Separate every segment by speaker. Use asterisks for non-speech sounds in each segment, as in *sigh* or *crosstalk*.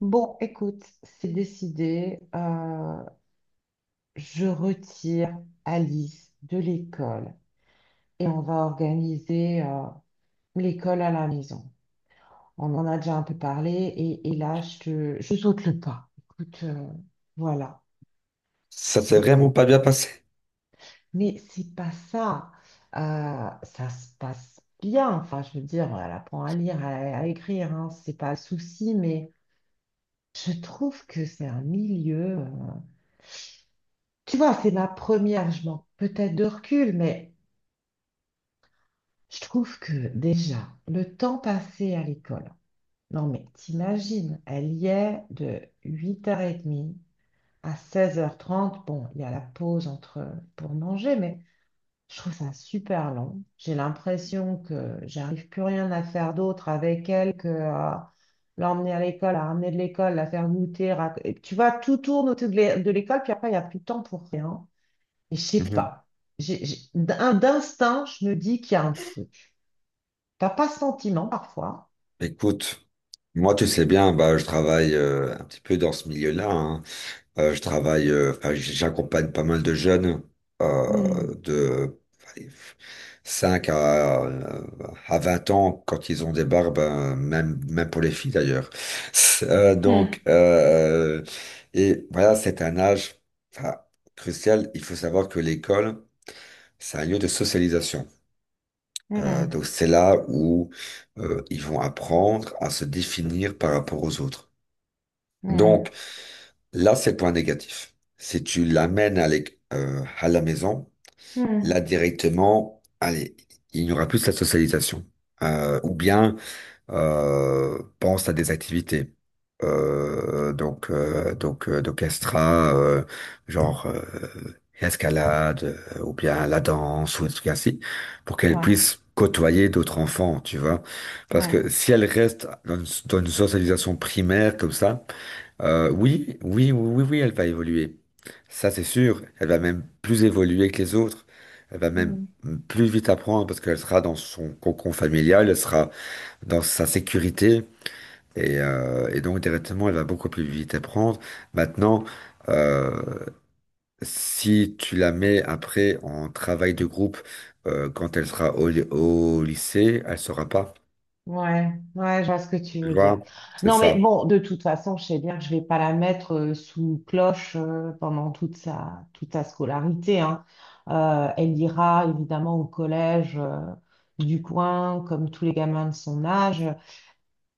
Speaker 1: Bon, écoute, c'est décidé. Je retire Alice de l'école et on va organiser l'école à la maison. On en a déjà un peu parlé et là, je saute le pas. Écoute, voilà,
Speaker 2: Ça s'est
Speaker 1: c'est...
Speaker 2: vraiment pas bien passé.
Speaker 1: Mais c'est pas ça. Ça se passe bien. Enfin, je veux dire, elle apprend à lire, à écrire, hein, c'est pas le souci, mais je trouve que c'est un milieu. Tu vois, c'est ma première, je manque peut-être de recul, mais je trouve que déjà, le temps passé à l'école, non mais t'imagines, elle y est de 8h30 à 16h30. Bon, il y a la pause entre pour manger, mais je trouve ça super long. J'ai l'impression que j'arrive plus rien à faire d'autre avec elle que à l'emmener à l'école, à ramener de l'école, la faire goûter. Tu vois, tout tourne autour de l'école, puis après, il n'y a plus de temps pour rien. Je sais
Speaker 2: Mhm.
Speaker 1: pas. D'instinct, je me dis qu'il y a un truc. T'as pas ce sentiment parfois?
Speaker 2: Écoute, moi, tu sais bien, bah, je travaille un petit peu dans ce milieu-là, hein. Je travaille, enfin, j'accompagne pas mal de jeunes
Speaker 1: Hmm.
Speaker 2: de allez, 5 à 20 ans quand ils ont des barbes, même pour les filles d'ailleurs. *laughs* Euh,
Speaker 1: Hmm.
Speaker 2: donc, euh, et voilà, c'est un âge enfin, crucial. Il faut savoir que l'école, c'est un lieu de socialisation. Donc
Speaker 1: Hmm.
Speaker 2: c'est là où ils vont apprendre à se définir par rapport aux autres.
Speaker 1: Hmm.
Speaker 2: Donc là, c'est le point négatif. Si tu l'amènes à la maison, là
Speaker 1: Hmm.
Speaker 2: directement, allez, il n'y aura plus de la socialisation. Ou bien pense à des activités. D'orchestra genre escalade ou bien la danse ou des trucs ainsi pour qu'elle
Speaker 1: Ouais,
Speaker 2: puisse côtoyer d'autres enfants, tu vois, parce
Speaker 1: ouais.
Speaker 2: que si elle reste dans une socialisation primaire comme ça, oui oui oui oui oui, elle va évoluer, ça c'est sûr, elle va même plus évoluer que les autres, elle va même
Speaker 1: Hmm.
Speaker 2: plus vite apprendre parce qu'elle sera dans son cocon familial, elle sera dans sa sécurité. Et donc, directement, elle va beaucoup plus vite à prendre. Maintenant, euh, si tu la mets après en travail de groupe, quand elle sera au lycée, elle saura pas.
Speaker 1: Ouais, ouais, je vois ce que tu
Speaker 2: Tu
Speaker 1: veux dire.
Speaker 2: vois? C'est
Speaker 1: Non, mais
Speaker 2: ça.
Speaker 1: bon, de toute façon, je sais bien que je vais pas la mettre sous cloche pendant toute sa scolarité, hein. Elle ira évidemment au collège du coin, comme tous les gamins de son âge.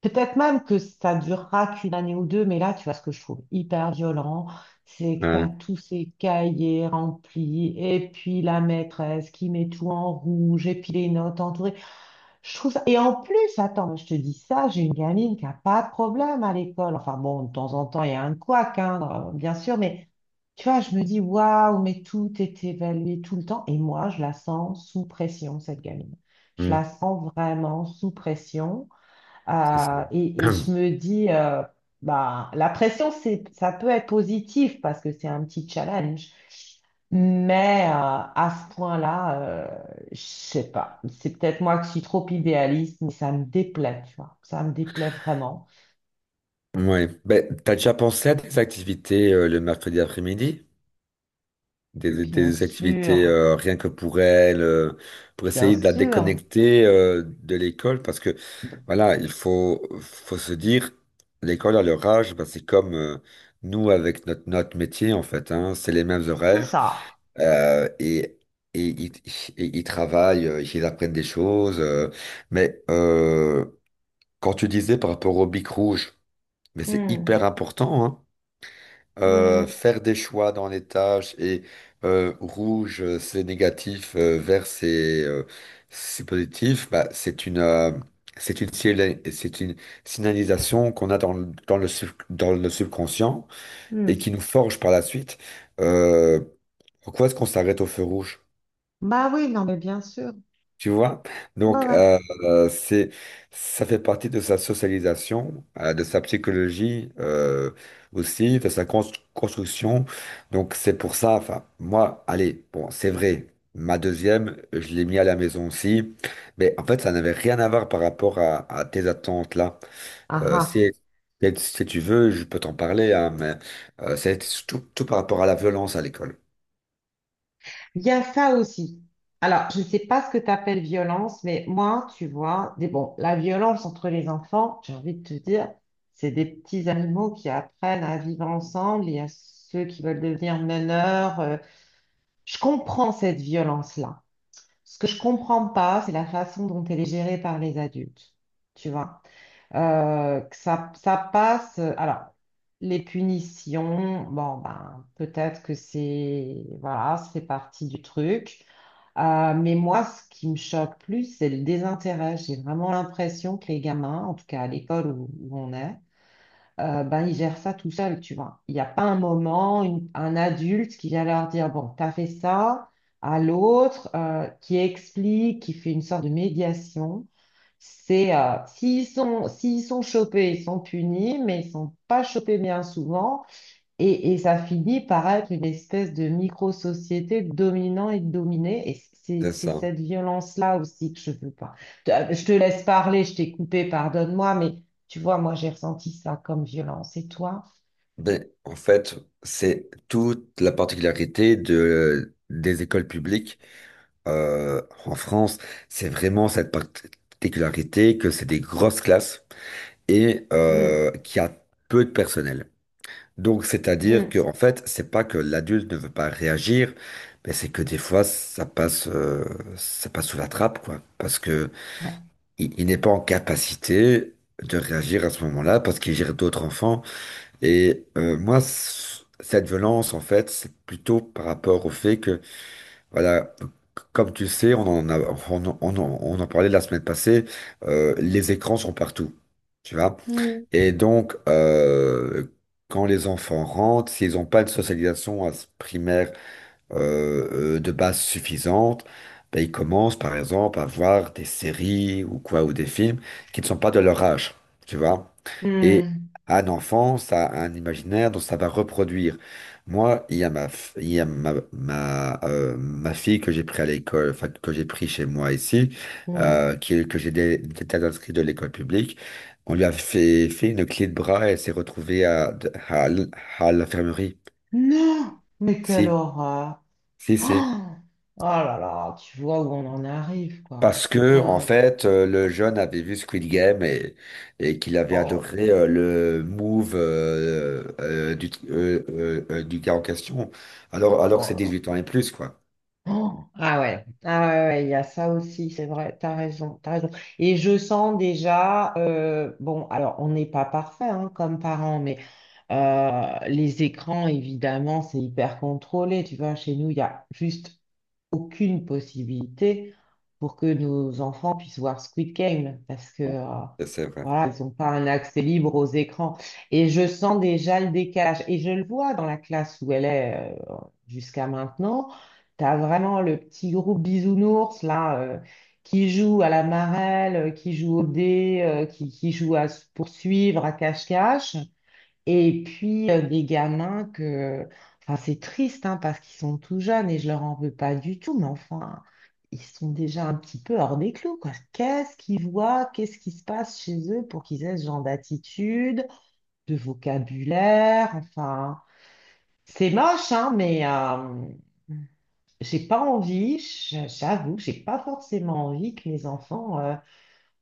Speaker 1: Peut-être même que ça durera qu'une année ou deux, mais là, tu vois, ce que je trouve hyper violent, c'est que tu as
Speaker 2: Ouais.
Speaker 1: tous ces cahiers remplis, et puis la maîtresse qui met tout en rouge, et puis les notes entourées. Et en plus, attends, mais je te dis ça, j'ai une gamine qui a pas de problème à l'école. Enfin bon, de temps en temps, il y a un couac, hein, bien sûr, mais tu vois, je me dis, waouh, mais tout est évalué tout le temps, et moi, je la sens sous pression, cette gamine. Je la
Speaker 2: Mm.
Speaker 1: sens vraiment sous pression.
Speaker 2: C'est ça.
Speaker 1: Et
Speaker 2: *clears throat*
Speaker 1: je me dis, bah, la pression, ça peut être positif parce que c'est un petit challenge. Mais à ce point-là, je sais pas. C'est peut-être moi qui suis trop idéaliste, mais ça me déplaît, tu vois. Ça me déplaît vraiment.
Speaker 2: Ouais. Ben, t'as déjà pensé à des activités, le mercredi après-midi? des,
Speaker 1: Bien
Speaker 2: des activités
Speaker 1: sûr,
Speaker 2: rien que pour elle, pour
Speaker 1: bien
Speaker 2: essayer de la
Speaker 1: sûr.
Speaker 2: déconnecter de l'école, parce que
Speaker 1: Donc.
Speaker 2: voilà, faut se dire, l'école à leur âge, bah, c'est comme nous avec notre métier en fait, hein, c'est les mêmes
Speaker 1: C'est
Speaker 2: horaires
Speaker 1: ça.
Speaker 2: euh, et, et, ils et ils travaillent, ils apprennent des choses, mais euh, quand tu disais par rapport au bic rouge, mais c'est
Speaker 1: Hmm,
Speaker 2: hyper important, hein,
Speaker 1: hmm,
Speaker 2: faire des choix dans les tâches et rouge c'est négatif, vert c'est positif, bah, c'est une signalisation qu'on a dans dans le subconscient et
Speaker 1: hmm.
Speaker 2: qui nous forge par la suite. Euh, Pourquoi est-ce qu'on s'arrête au feu rouge?
Speaker 1: Bah oui, non, mais bien sûr.
Speaker 2: Tu vois?
Speaker 1: Ouais,
Speaker 2: Donc,
Speaker 1: ouais.
Speaker 2: euh, euh, c'est, Ça fait partie de sa socialisation, de sa psychologie aussi, de sa construction. Donc, c'est pour ça, enfin, moi, allez, bon, c'est vrai, ma deuxième, je l'ai mis à la maison aussi, mais en fait, ça n'avait rien à voir par rapport à tes attentes là.
Speaker 1: Ah, ah.
Speaker 2: Si, si tu veux, je peux t'en parler, hein, mais c'est tout par rapport à la violence à l'école.
Speaker 1: Il y a ça aussi. Alors, je ne sais pas ce que tu appelles violence, mais moi, tu vois, des, bon, la violence entre les enfants, j'ai envie de te dire, c'est des petits animaux qui apprennent à vivre ensemble. Il y a ceux qui veulent devenir meneurs. Je comprends cette violence-là. Ce que je comprends pas, c'est la façon dont elle est gérée par les adultes. Tu vois, que ça passe. Alors, les punitions, bon, ben, peut-être que c'est, voilà, ça fait partie du truc. Mais moi, ce qui me choque plus, c'est le désintérêt. J'ai vraiment l'impression que les gamins, en tout cas à l'école où on est, ben, ils gèrent ça tout seuls, tu vois. Il n'y a pas un moment, un adulte qui vient leur dire, bon, t'as fait ça, à l'autre, qui explique, qui fait une sorte de médiation. S'ils sont, s'ils sont chopés, ils sont punis, mais ils sont pas chopés bien souvent. Et ça finit par être une espèce de micro-société dominant et dominée. Et c'est
Speaker 2: C'est
Speaker 1: c'est
Speaker 2: ça.
Speaker 1: cette violence-là aussi que je veux pas. Je te laisse parler, je t'ai coupé, pardonne-moi, mais tu vois, moi, j'ai ressenti ça comme violence. Et toi?
Speaker 2: Ben, en fait, c'est toute la particularité des écoles publiques en France. C'est vraiment cette particularité que c'est des grosses classes et
Speaker 1: Hmm,
Speaker 2: qu'il y a peu de personnel. Donc, c'est-à-dire que,
Speaker 1: hmm,
Speaker 2: en fait, c'est pas que l'adulte ne veut pas réagir, mais c'est que des fois, ça passe sous la trappe, quoi. Parce que
Speaker 1: ouais.
Speaker 2: il n'est pas en capacité de réagir à ce moment-là parce qu'il gère d'autres enfants. Moi, cette violence, en fait, c'est plutôt par rapport au fait que, voilà, comme tu le sais, on en a, on, en- on en on en parlait la semaine passée, les écrans sont partout, tu vois.
Speaker 1: Mm.
Speaker 2: Et donc, euh, Quand les enfants rentrent, s'ils n'ont pas de socialisation primaire de base suffisante, ben, ils commencent par exemple à voir des séries ou quoi, ou des films qui ne sont pas de leur âge, tu vois. Et
Speaker 1: Hmm,
Speaker 2: un enfant, ça a un imaginaire dont ça va reproduire. Moi, il y a ma, ma fille que j'ai pris à l'école, enfin, que j'ai pris chez moi ici,
Speaker 1: hmm.
Speaker 2: qui, que été inscrit de l'école publique. On lui a fait une clé de bras et elle s'est retrouvée à, à l'infirmerie.
Speaker 1: Non! Mais quelle
Speaker 2: Si,
Speaker 1: horreur!
Speaker 2: si.
Speaker 1: Oh, oh là là, tu vois où on en arrive, quoi.
Speaker 2: Parce
Speaker 1: C'est
Speaker 2: que, en
Speaker 1: dingue.
Speaker 2: fait, le jeune avait vu Squid Game et qu'il avait
Speaker 1: Oh,
Speaker 2: adoré le move du gars en question, alors que
Speaker 1: oh
Speaker 2: c'est
Speaker 1: là.
Speaker 2: 18 ans et plus, quoi.
Speaker 1: *gasps* Oh, ah ouais, ah ouais, ouais, ouais, il y a ça aussi, c'est vrai, t'as raison, t'as raison. Et je sens déjà, bon, alors on n'est pas parfait hein, comme parents, mais euh, les écrans, évidemment, c'est hyper contrôlé. Tu vois, chez nous, il y a juste aucune possibilité pour que nos enfants puissent voir Squid Game parce que
Speaker 2: C'est vrai.
Speaker 1: voilà, ils n'ont pas un accès libre aux écrans. Et je sens déjà le décalage. Et je le vois dans la classe où elle est euh, jusqu'à maintenant. Tu as vraiment le petit groupe bisounours là qui joue à la marelle, qui joue au dé, qui joue à se poursuivre, à cache-cache. Et puis des gamins que, enfin c'est triste hein, parce qu'ils sont tout jeunes et je leur en veux pas du tout, mais enfin ils sont déjà un petit peu hors des clous quoi. Qu'est-ce qu'ils voient, qu'est-ce qui se passe chez eux pour qu'ils aient ce genre d'attitude, de vocabulaire, enfin c'est moche hein, mais j'ai pas envie, j'avoue, j'ai pas forcément envie que mes enfants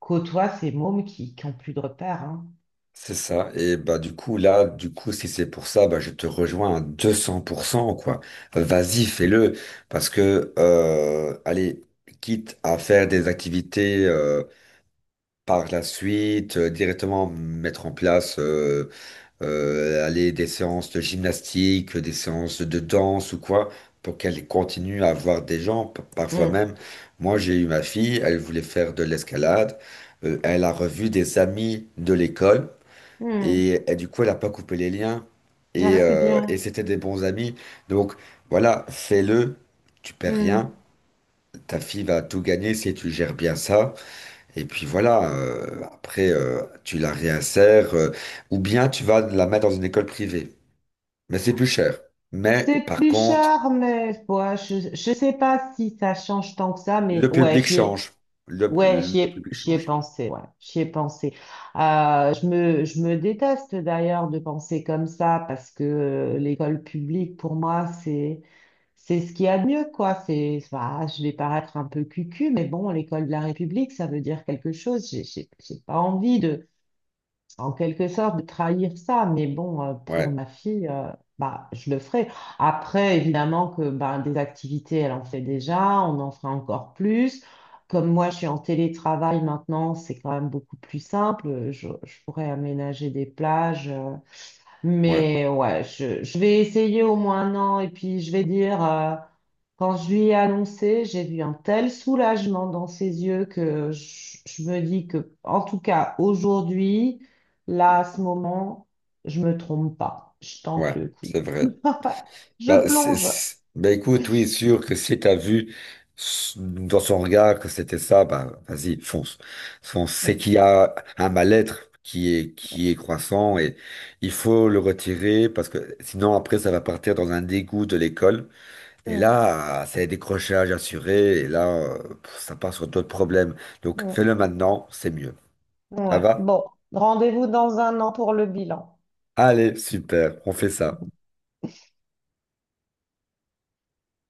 Speaker 1: côtoient ces mômes qui ont plus de repères hein.
Speaker 2: C'est ça. Et bah du coup là, du coup si c'est pour ça, bah je te rejoins à 200% quoi. Vas-y, fais-le parce que allez, quitte à faire des activités par la suite, directement mettre en place allez, des séances de gymnastique, des séances de danse ou quoi pour qu'elle continue à voir des gens. Parfois
Speaker 1: Mm.
Speaker 2: même, moi j'ai eu ma fille, elle voulait faire de l'escalade. Elle a revu des amis de l'école.
Speaker 1: Mm.
Speaker 2: Et du coup, elle n'a pas coupé les liens.
Speaker 1: Ah, c'est
Speaker 2: Et
Speaker 1: bien.
Speaker 2: c'était des bons amis. Donc voilà, fais-le. Tu perds rien.
Speaker 1: Mm.
Speaker 2: Ta fille va tout gagner si tu gères bien ça. Et puis voilà, après, tu la réinsères, ou bien tu vas la mettre dans une école privée. Mais c'est plus cher. Mais
Speaker 1: C'est
Speaker 2: par
Speaker 1: plus
Speaker 2: contre,
Speaker 1: cher, mais ouais, je sais pas si ça change tant que ça, mais
Speaker 2: le
Speaker 1: ouais,
Speaker 2: public change.
Speaker 1: ouais, j'y
Speaker 2: Le
Speaker 1: ai,
Speaker 2: public
Speaker 1: j'y ai
Speaker 2: change.
Speaker 1: pensé, ouais, j'y ai pensé. Je me déteste d'ailleurs de penser comme ça parce que l'école publique, pour moi, c'est ce qu'il y a de mieux, quoi. Bah, je vais paraître un peu cucu, mais bon, l'école de la République, ça veut dire quelque chose. J'ai pas envie en quelque sorte, de trahir ça. Mais bon, pour
Speaker 2: Ouais,
Speaker 1: ma fille, bah, je le ferai. Après, évidemment que bah, des activités, elle en fait déjà, on en fera encore plus. Comme moi, je suis en télétravail maintenant, c'est quand même beaucoup plus simple. Je pourrais aménager des plages.
Speaker 2: ouais,
Speaker 1: Mais ouais, je vais essayer au moins un an et puis je vais dire, quand je lui ai annoncé, j'ai vu un tel soulagement dans ses yeux que je me dis que, en tout cas, aujourd'hui, là, à ce moment, je me trompe pas. Je tente
Speaker 2: ouais,
Speaker 1: le coup.
Speaker 2: c'est vrai.
Speaker 1: *laughs* Je
Speaker 2: Bah,
Speaker 1: plonge.
Speaker 2: bah, écoute, oui, sûr que si t'as vu dans son regard que c'était ça, bah vas-y, fonce. Fonce. C'est
Speaker 1: Mm,
Speaker 2: qu'il y a un mal-être qui est croissant et il faut le retirer parce que sinon après ça va partir dans un dégoût de l'école. Et
Speaker 1: mm,
Speaker 2: là, c'est décrochage assuré et là, pff, ça part sur d'autres problèmes. Donc
Speaker 1: mm,
Speaker 2: fais-le maintenant, c'est mieux.
Speaker 1: mm,
Speaker 2: Ça
Speaker 1: ouais.
Speaker 2: va?
Speaker 1: Bon, rendez-vous dans un an pour le bilan.
Speaker 2: Allez, super, on fait ça.